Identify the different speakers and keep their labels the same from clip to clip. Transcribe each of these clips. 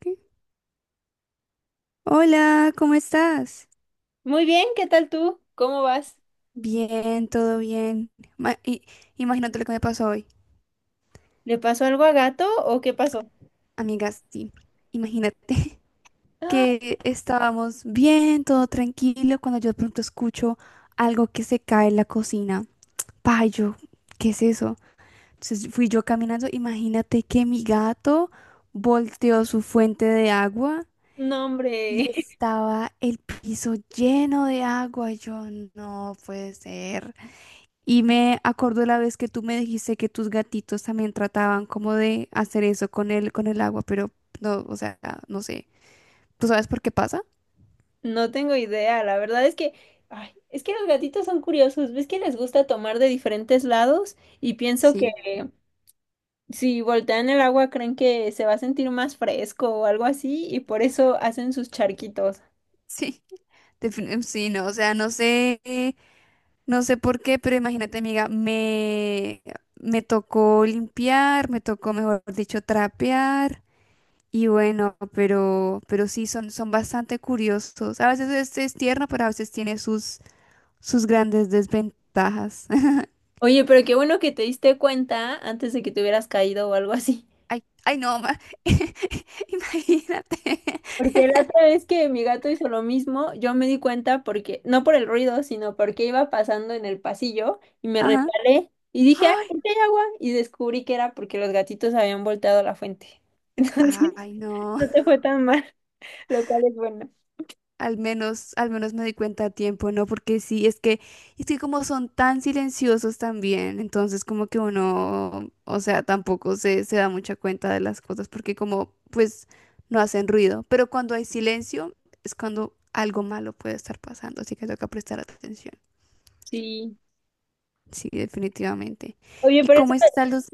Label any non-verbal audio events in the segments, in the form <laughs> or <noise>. Speaker 1: ¿Qué? Hola, ¿cómo estás?
Speaker 2: Muy bien, ¿qué tal tú? ¿Cómo vas?
Speaker 1: Bien, todo bien. Ma- i- Imagínate lo que me pasó hoy,
Speaker 2: ¿Le pasó algo a Gato o qué pasó?
Speaker 1: amigas, sí. Imagínate <laughs>
Speaker 2: Ah,
Speaker 1: que estábamos bien, todo tranquilo, cuando yo de pronto escucho algo que se cae en la cocina. Pa, yo, ¿qué es eso? Entonces fui yo caminando, imagínate que mi gato volteó su fuente de agua
Speaker 2: no, hombre,
Speaker 1: y estaba el piso lleno de agua. Yo, no puede ser. Y me acordó la vez que tú me dijiste que tus gatitos también trataban como de hacer eso con con el agua, pero no, o sea, no sé. ¿Tú sabes por qué pasa?
Speaker 2: <laughs> no tengo idea. La verdad es que, ay, es que los gatitos son curiosos. ¿Ves que les gusta tomar de diferentes lados? Y pienso que
Speaker 1: Sí.
Speaker 2: si voltean el agua creen que se va a sentir más fresco o algo así y por eso hacen sus charquitos.
Speaker 1: <laughs> Sí, sí, no, o sea, no sé, no sé por qué, pero imagínate, amiga, me tocó limpiar, me tocó, mejor dicho, trapear. Y bueno, pero sí, son bastante curiosos. A veces es tierno, pero a veces tiene sus grandes desventajas.
Speaker 2: Oye, pero qué bueno que te diste cuenta antes de que te hubieras caído o algo así.
Speaker 1: Ay, no, <laughs> imagínate.
Speaker 2: Porque la otra vez que mi gato hizo lo mismo, yo me di cuenta porque, no por el ruido, sino porque iba pasando en el pasillo y me
Speaker 1: Ajá.
Speaker 2: resbalé y dije, ¡ay,
Speaker 1: Ay,
Speaker 2: aquí hay agua! Y descubrí que era porque los gatitos habían volteado la fuente. <laughs> Entonces,
Speaker 1: ay, no.
Speaker 2: no te fue tan mal, lo cual es bueno.
Speaker 1: Al menos me di cuenta a tiempo, ¿no? Porque sí, es que como son tan silenciosos también, entonces como que uno, o sea, tampoco se da mucha cuenta de las cosas, porque como, pues, no hacen ruido. Pero cuando hay silencio, es cuando algo malo puede estar pasando, así que toca prestar atención.
Speaker 2: Sí.
Speaker 1: Sí, definitivamente.
Speaker 2: Oye,
Speaker 1: ¿Y cómo están los...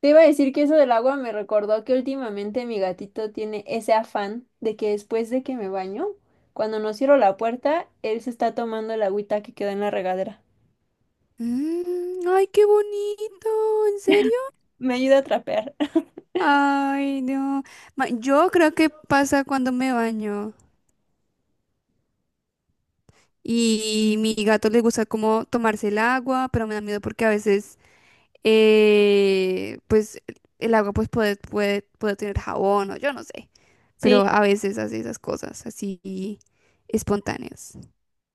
Speaker 2: te iba a decir que eso del agua me recordó que últimamente mi gatito tiene ese afán de que después de que me baño, cuando no cierro la puerta, él se está tomando el agüita que quedó en la regadera.
Speaker 1: Mm, ay, qué bonito, ¿en serio?
Speaker 2: Me ayuda a trapear. <laughs>
Speaker 1: Ay, no. Yo creo que pasa cuando me baño y mi gato le gusta como tomarse el agua, pero me da miedo porque a veces, pues, el agua pues puede, puede tener jabón o yo no sé, pero
Speaker 2: Sí,
Speaker 1: a veces hace esas cosas así espontáneas.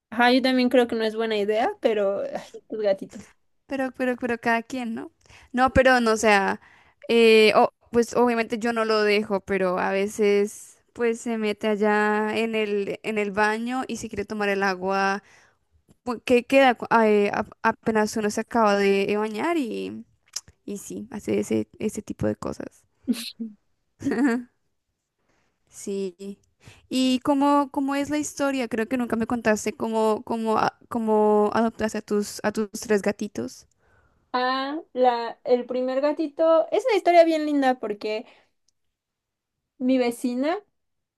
Speaker 2: ajá, yo también creo que no es buena idea, pero ay, tus gatitos.
Speaker 1: Pero cada quien, ¿no? No, pero no, o sea, pues obviamente yo no lo dejo, pero a veces pues se mete allá en el baño y si quiere tomar el agua, pues, que queda apenas uno se acaba de bañar y sí, hace ese tipo de cosas. <laughs> Sí. ¿Y cómo es la historia? Creo que nunca me contaste cómo adoptaste a a tus tres gatitos.
Speaker 2: Ah, el primer gatito es una historia bien linda porque mi vecina,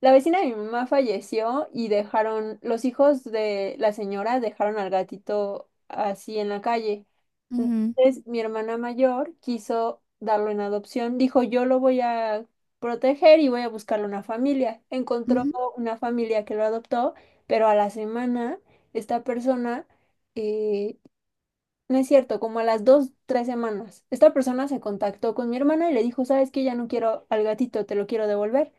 Speaker 2: la vecina de mi mamá falleció y dejaron, los hijos de la señora dejaron al gatito así en la calle.
Speaker 1: Ujú,
Speaker 2: Entonces, mi hermana mayor quiso darlo en adopción. Dijo, yo lo voy a proteger y voy a buscarle una familia. Encontró
Speaker 1: ujú,
Speaker 2: una familia que lo adoptó, pero a la semana, esta persona, eh, no es cierto, como a las dos, tres semanas, esta persona se contactó con mi hermana y le dijo, ¿sabes qué? Ya no quiero al gatito, te lo quiero devolver.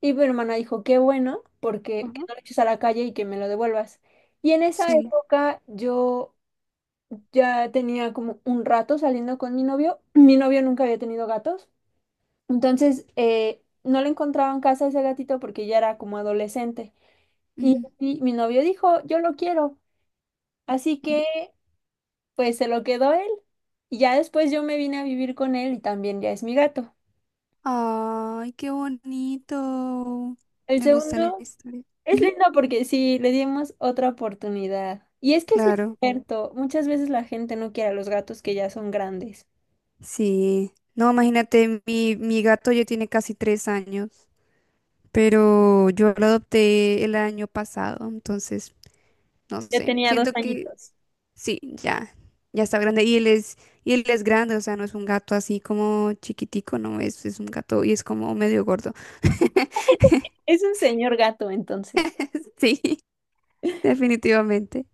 Speaker 2: Y mi hermana dijo, qué bueno, porque que
Speaker 1: ajá.
Speaker 2: no lo eches a la calle y que me lo devuelvas. Y en esa
Speaker 1: Sí.
Speaker 2: época yo ya tenía como un rato saliendo con mi novio. Mi novio nunca había tenido gatos. Entonces no le encontraba en casa ese gatito porque ya era como adolescente. Y,
Speaker 1: Ujú.
Speaker 2: y mi novio dijo, yo lo quiero. Así que pues se lo quedó él. Y ya después yo me vine a vivir con él y también ya es mi gato.
Speaker 1: Ay, qué bonito.
Speaker 2: El
Speaker 1: Me gusta la
Speaker 2: segundo
Speaker 1: historia.
Speaker 2: es
Speaker 1: Ujú.
Speaker 2: lindo porque sí, le dimos otra oportunidad. Y es que sí es
Speaker 1: Claro,
Speaker 2: cierto, muchas veces la gente no quiere a los gatos que ya son grandes.
Speaker 1: sí. No, imagínate, mi gato ya tiene casi tres años, pero yo lo adopté el año pasado, entonces, no
Speaker 2: De
Speaker 1: sé. Siento que
Speaker 2: pañitos.
Speaker 1: sí, ya, ya está grande. Y él y él es grande, o sea, no es un gato así como chiquitico, no, es un gato y es como medio gordo. <laughs>
Speaker 2: Es un señor gato, entonces.
Speaker 1: Sí, definitivamente.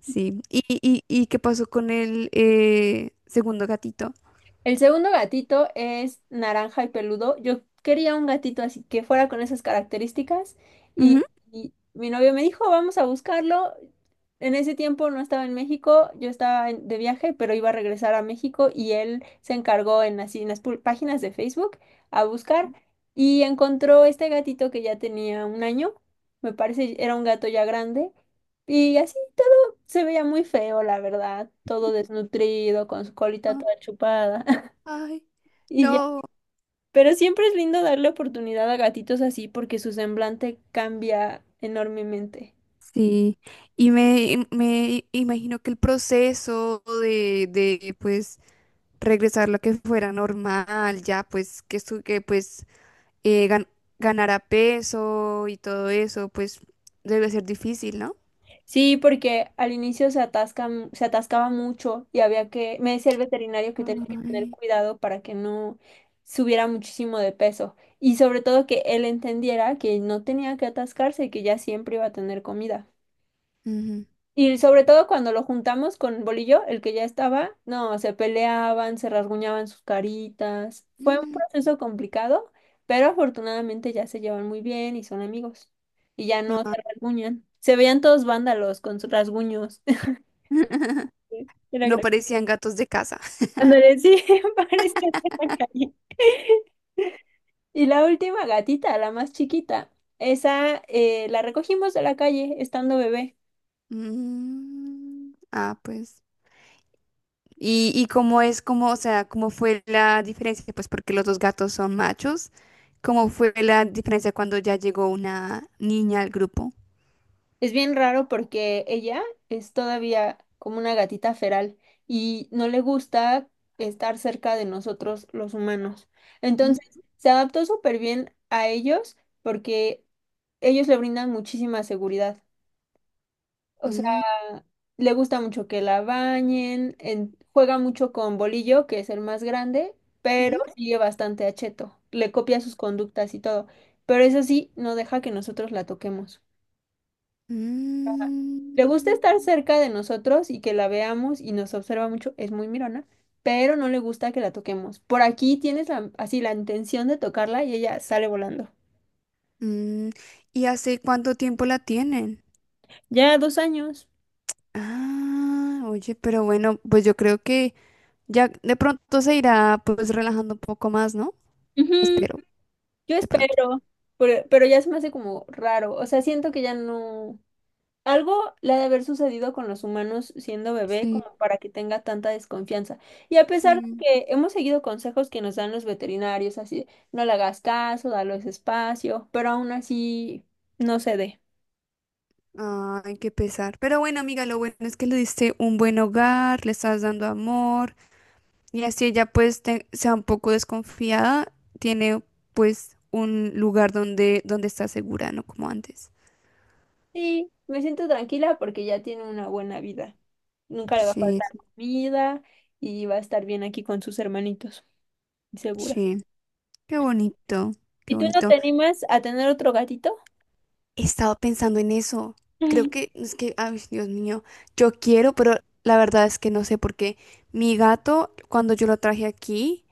Speaker 1: Sí. ¿Y, y qué pasó con el segundo gatito?
Speaker 2: El segundo gatito es naranja y peludo. Yo quería un gatito así que fuera con esas características y,
Speaker 1: Ujú.
Speaker 2: y mi novio me dijo, vamos a buscarlo. En ese tiempo no estaba en México, yo de viaje, pero iba a regresar a México y él se encargó en, así, en las páginas de Facebook a buscar y encontró este gatito que ya tenía un año, me parece era un gato ya grande y así todo se veía muy feo, la verdad, todo desnutrido, con su colita
Speaker 1: Ah,
Speaker 2: toda chupada.
Speaker 1: ay,
Speaker 2: Y ya.
Speaker 1: no.
Speaker 2: Pero siempre es lindo darle oportunidad a gatitos así porque su semblante cambia enormemente.
Speaker 1: Sí, me imagino que el proceso de pues regresar lo que fuera normal, ya pues que su que pues eh, gan- ganara peso y todo eso, pues debe ser difícil, no.
Speaker 2: Sí, porque al inicio se atascaba mucho y había que, me decía el veterinario que tenía que tener
Speaker 1: Ay.
Speaker 2: cuidado para que no subiera muchísimo de peso y sobre todo que él entendiera que no tenía que atascarse y que ya siempre iba a tener comida.
Speaker 1: Ujú.
Speaker 2: Y sobre todo cuando lo juntamos con Bolillo, el que ya estaba, no, se peleaban, se rasguñaban sus caritas. Fue un
Speaker 1: Mm.
Speaker 2: proceso complicado, pero afortunadamente ya se llevan muy bien y son amigos. Y ya no se
Speaker 1: Ah.
Speaker 2: rasguñan. Se veían todos vándalos con sus rasguños. <laughs>
Speaker 1: <laughs>
Speaker 2: Era
Speaker 1: No
Speaker 2: gra-
Speaker 1: parecían gatos de casa. <laughs>
Speaker 2: Ándale, sí, <laughs> parecía de la calle. Y la última gatita, la más chiquita, esa la recogimos de la calle estando bebé.
Speaker 1: Mm, ah, pues. Y cómo es, cómo, o sea, cómo fue la diferencia? Pues porque los dos gatos son machos. ¿Cómo fue la diferencia cuando ya llegó una niña al grupo?
Speaker 2: Es bien raro porque ella es todavía como una gatita feral y no le gusta estar cerca de nosotros los humanos.
Speaker 1: Mm,
Speaker 2: Entonces, se adaptó súper bien a ellos porque ellos le brindan muchísima seguridad. O sea,
Speaker 1: mm,
Speaker 2: le gusta mucho que la bañen, juega mucho con Bolillo, que es el más grande, pero
Speaker 1: ujú,
Speaker 2: sigue bastante a Cheto. Le copia sus conductas y todo. Pero eso sí, no deja que nosotros la toquemos.
Speaker 1: mm,
Speaker 2: Le gusta estar cerca de nosotros y que la veamos y nos observa mucho, es muy mirona, pero no le gusta que la toquemos. Por aquí tienes así la intención de tocarla y ella sale volando.
Speaker 1: mm. ¿Y hace cuánto tiempo la tienen?
Speaker 2: Ya dos años.
Speaker 1: Ah, oye, pero bueno, pues yo creo que ya de pronto se irá pues relajando un poco más, ¿no?
Speaker 2: Ujú,
Speaker 1: Espero,
Speaker 2: yo
Speaker 1: de pronto.
Speaker 2: espero, pero ya se me hace como raro. O sea, siento que ya no. Algo le ha de haber sucedido con los humanos siendo bebé
Speaker 1: Sí,
Speaker 2: como para que tenga tanta desconfianza. Y a pesar de
Speaker 1: sí.
Speaker 2: que hemos seguido consejos que nos dan los veterinarios, así, de, no le hagas caso, dale espacio, pero aún así no cede.
Speaker 1: Ay, qué pesar. Pero bueno, amiga, lo bueno es que le diste un buen hogar, le estás dando amor y así ella pues sea un poco desconfiada, tiene pues un lugar donde donde está segura, no como antes.
Speaker 2: Sí, me siento tranquila porque ya tiene una buena vida. Nunca le va a
Speaker 1: Sí,
Speaker 2: faltar comida y va a estar bien aquí con sus hermanitos, segura.
Speaker 1: sí. Qué bonito, qué
Speaker 2: ¿Y tú no
Speaker 1: bonito.
Speaker 2: te animas a tener otro gatito?
Speaker 1: He estado pensando en eso.
Speaker 2: <laughs>
Speaker 1: Creo
Speaker 2: Ujú.
Speaker 1: que es que, ay, Dios mío, yo quiero, pero la verdad es que no sé por qué. Mi gato, cuando yo lo traje aquí,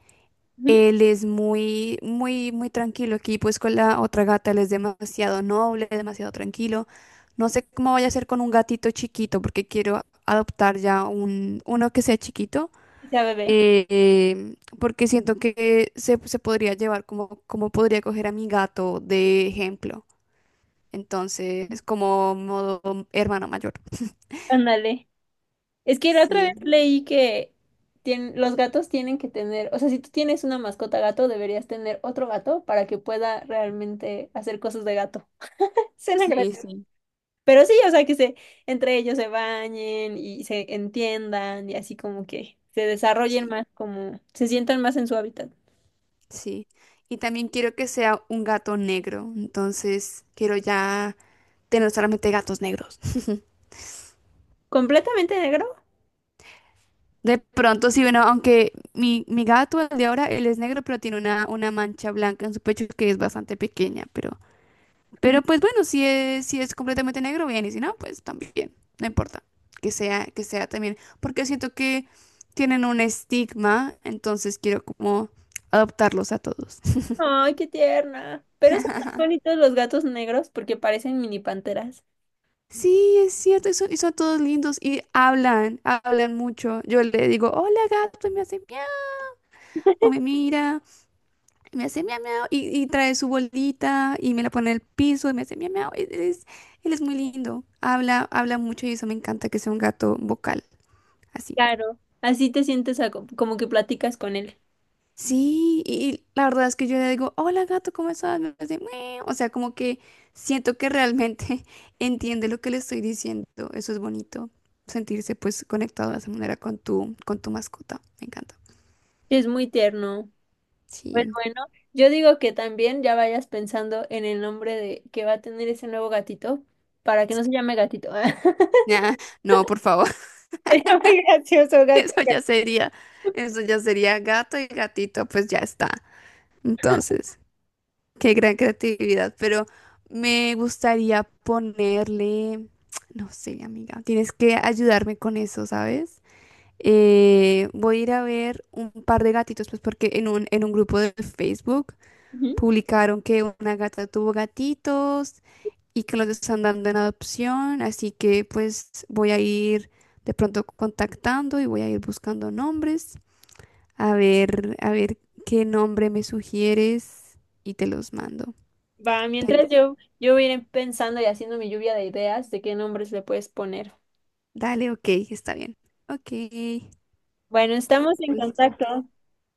Speaker 1: él es muy, muy, muy tranquilo aquí, pues con la otra gata él es demasiado noble, demasiado tranquilo. No sé cómo vaya a ser con un gatito chiquito, porque quiero adoptar ya uno que sea chiquito,
Speaker 2: Que sea bebé.
Speaker 1: porque siento que se podría llevar como, como podría coger a mi gato de ejemplo. Entonces, como modo hermano mayor.
Speaker 2: Ándale. Es que la otra vez
Speaker 1: Sí,
Speaker 2: leí que los gatos tienen que tener, o sea, si tú tienes una mascota gato, deberías tener otro gato para que pueda realmente hacer cosas de gato. <laughs> Suena
Speaker 1: sí,
Speaker 2: gracioso.
Speaker 1: sí,
Speaker 2: Pero sí, o sea, entre ellos se bañen y se entiendan y así como que se desarrollen
Speaker 1: sí,
Speaker 2: más, como se sientan más en su hábitat.
Speaker 1: sí. Y también quiero que sea un gato negro, entonces quiero ya tener solamente gatos negros.
Speaker 2: ¿Completamente negro?
Speaker 1: De pronto, sí, bueno, aunque mi gato, el de ahora, él es negro, pero tiene una mancha blanca en su pecho que es bastante pequeña, pero pues bueno, si si es completamente negro, bien, y si no, pues también, no importa, que sea también, porque siento que tienen un estigma, entonces quiero como adoptarlos a todos.
Speaker 2: Ay, qué tierna. Pero son tan bonitos los gatos negros porque parecen mini panteras.
Speaker 1: Sí, es cierto, y son todos lindos y hablan, hablan mucho. Yo le digo, hola gato, y me hace miau, o me mira. Me hace miau miau y trae su bolita y me la pone en el piso y me hace miau miau. Él él es muy lindo. Habla, habla mucho y eso me encanta que sea un gato vocal, así.
Speaker 2: Claro. Así te sientes como que platicas con él.
Speaker 1: Sí, y la verdad es que yo le digo, hola gato, ¿cómo estás? Me hace miau. O sea, como que siento que realmente <laughs> entiende lo que le estoy diciendo. Eso es bonito, sentirse pues conectado de esa manera con con tu mascota. Me encanta.
Speaker 2: Es muy tierno. Pues
Speaker 1: Sí.
Speaker 2: bueno, yo digo que también ya vayas pensando en el nombre de que va a tener ese nuevo gatito para que no se
Speaker 1: <laughs>
Speaker 2: llame gatito. <laughs>
Speaker 1: Nah, no, por favor.
Speaker 2: Sería muy gracioso,
Speaker 1: <laughs>
Speaker 2: gato.
Speaker 1: Eso ya sería, eso ya sería gato y gatito, pues ya está. Entonces, qué gran creatividad. Pero me gustaría ponerle, no sé, amiga, tienes que ayudarme con eso, ¿sabes? Voy a ir a ver un par de gatitos, pues porque en un grupo de Facebook
Speaker 2: Ujú.
Speaker 1: publicaron que una gata tuvo gatitos y que los están dando en adopción, así que pues voy a ir de pronto contactando y voy a ir buscando nombres. A ver qué nombre me sugieres y te los mando.
Speaker 2: Va,
Speaker 1: ¿Qué
Speaker 2: mientras
Speaker 1: dices?
Speaker 2: yo, yo voy a ir pensando y haciendo mi lluvia de ideas de qué nombres le puedes poner.
Speaker 1: Dale, ok, está bien. Ok,
Speaker 2: Bueno, estamos en
Speaker 1: pues
Speaker 2: contacto.
Speaker 1: chiquis.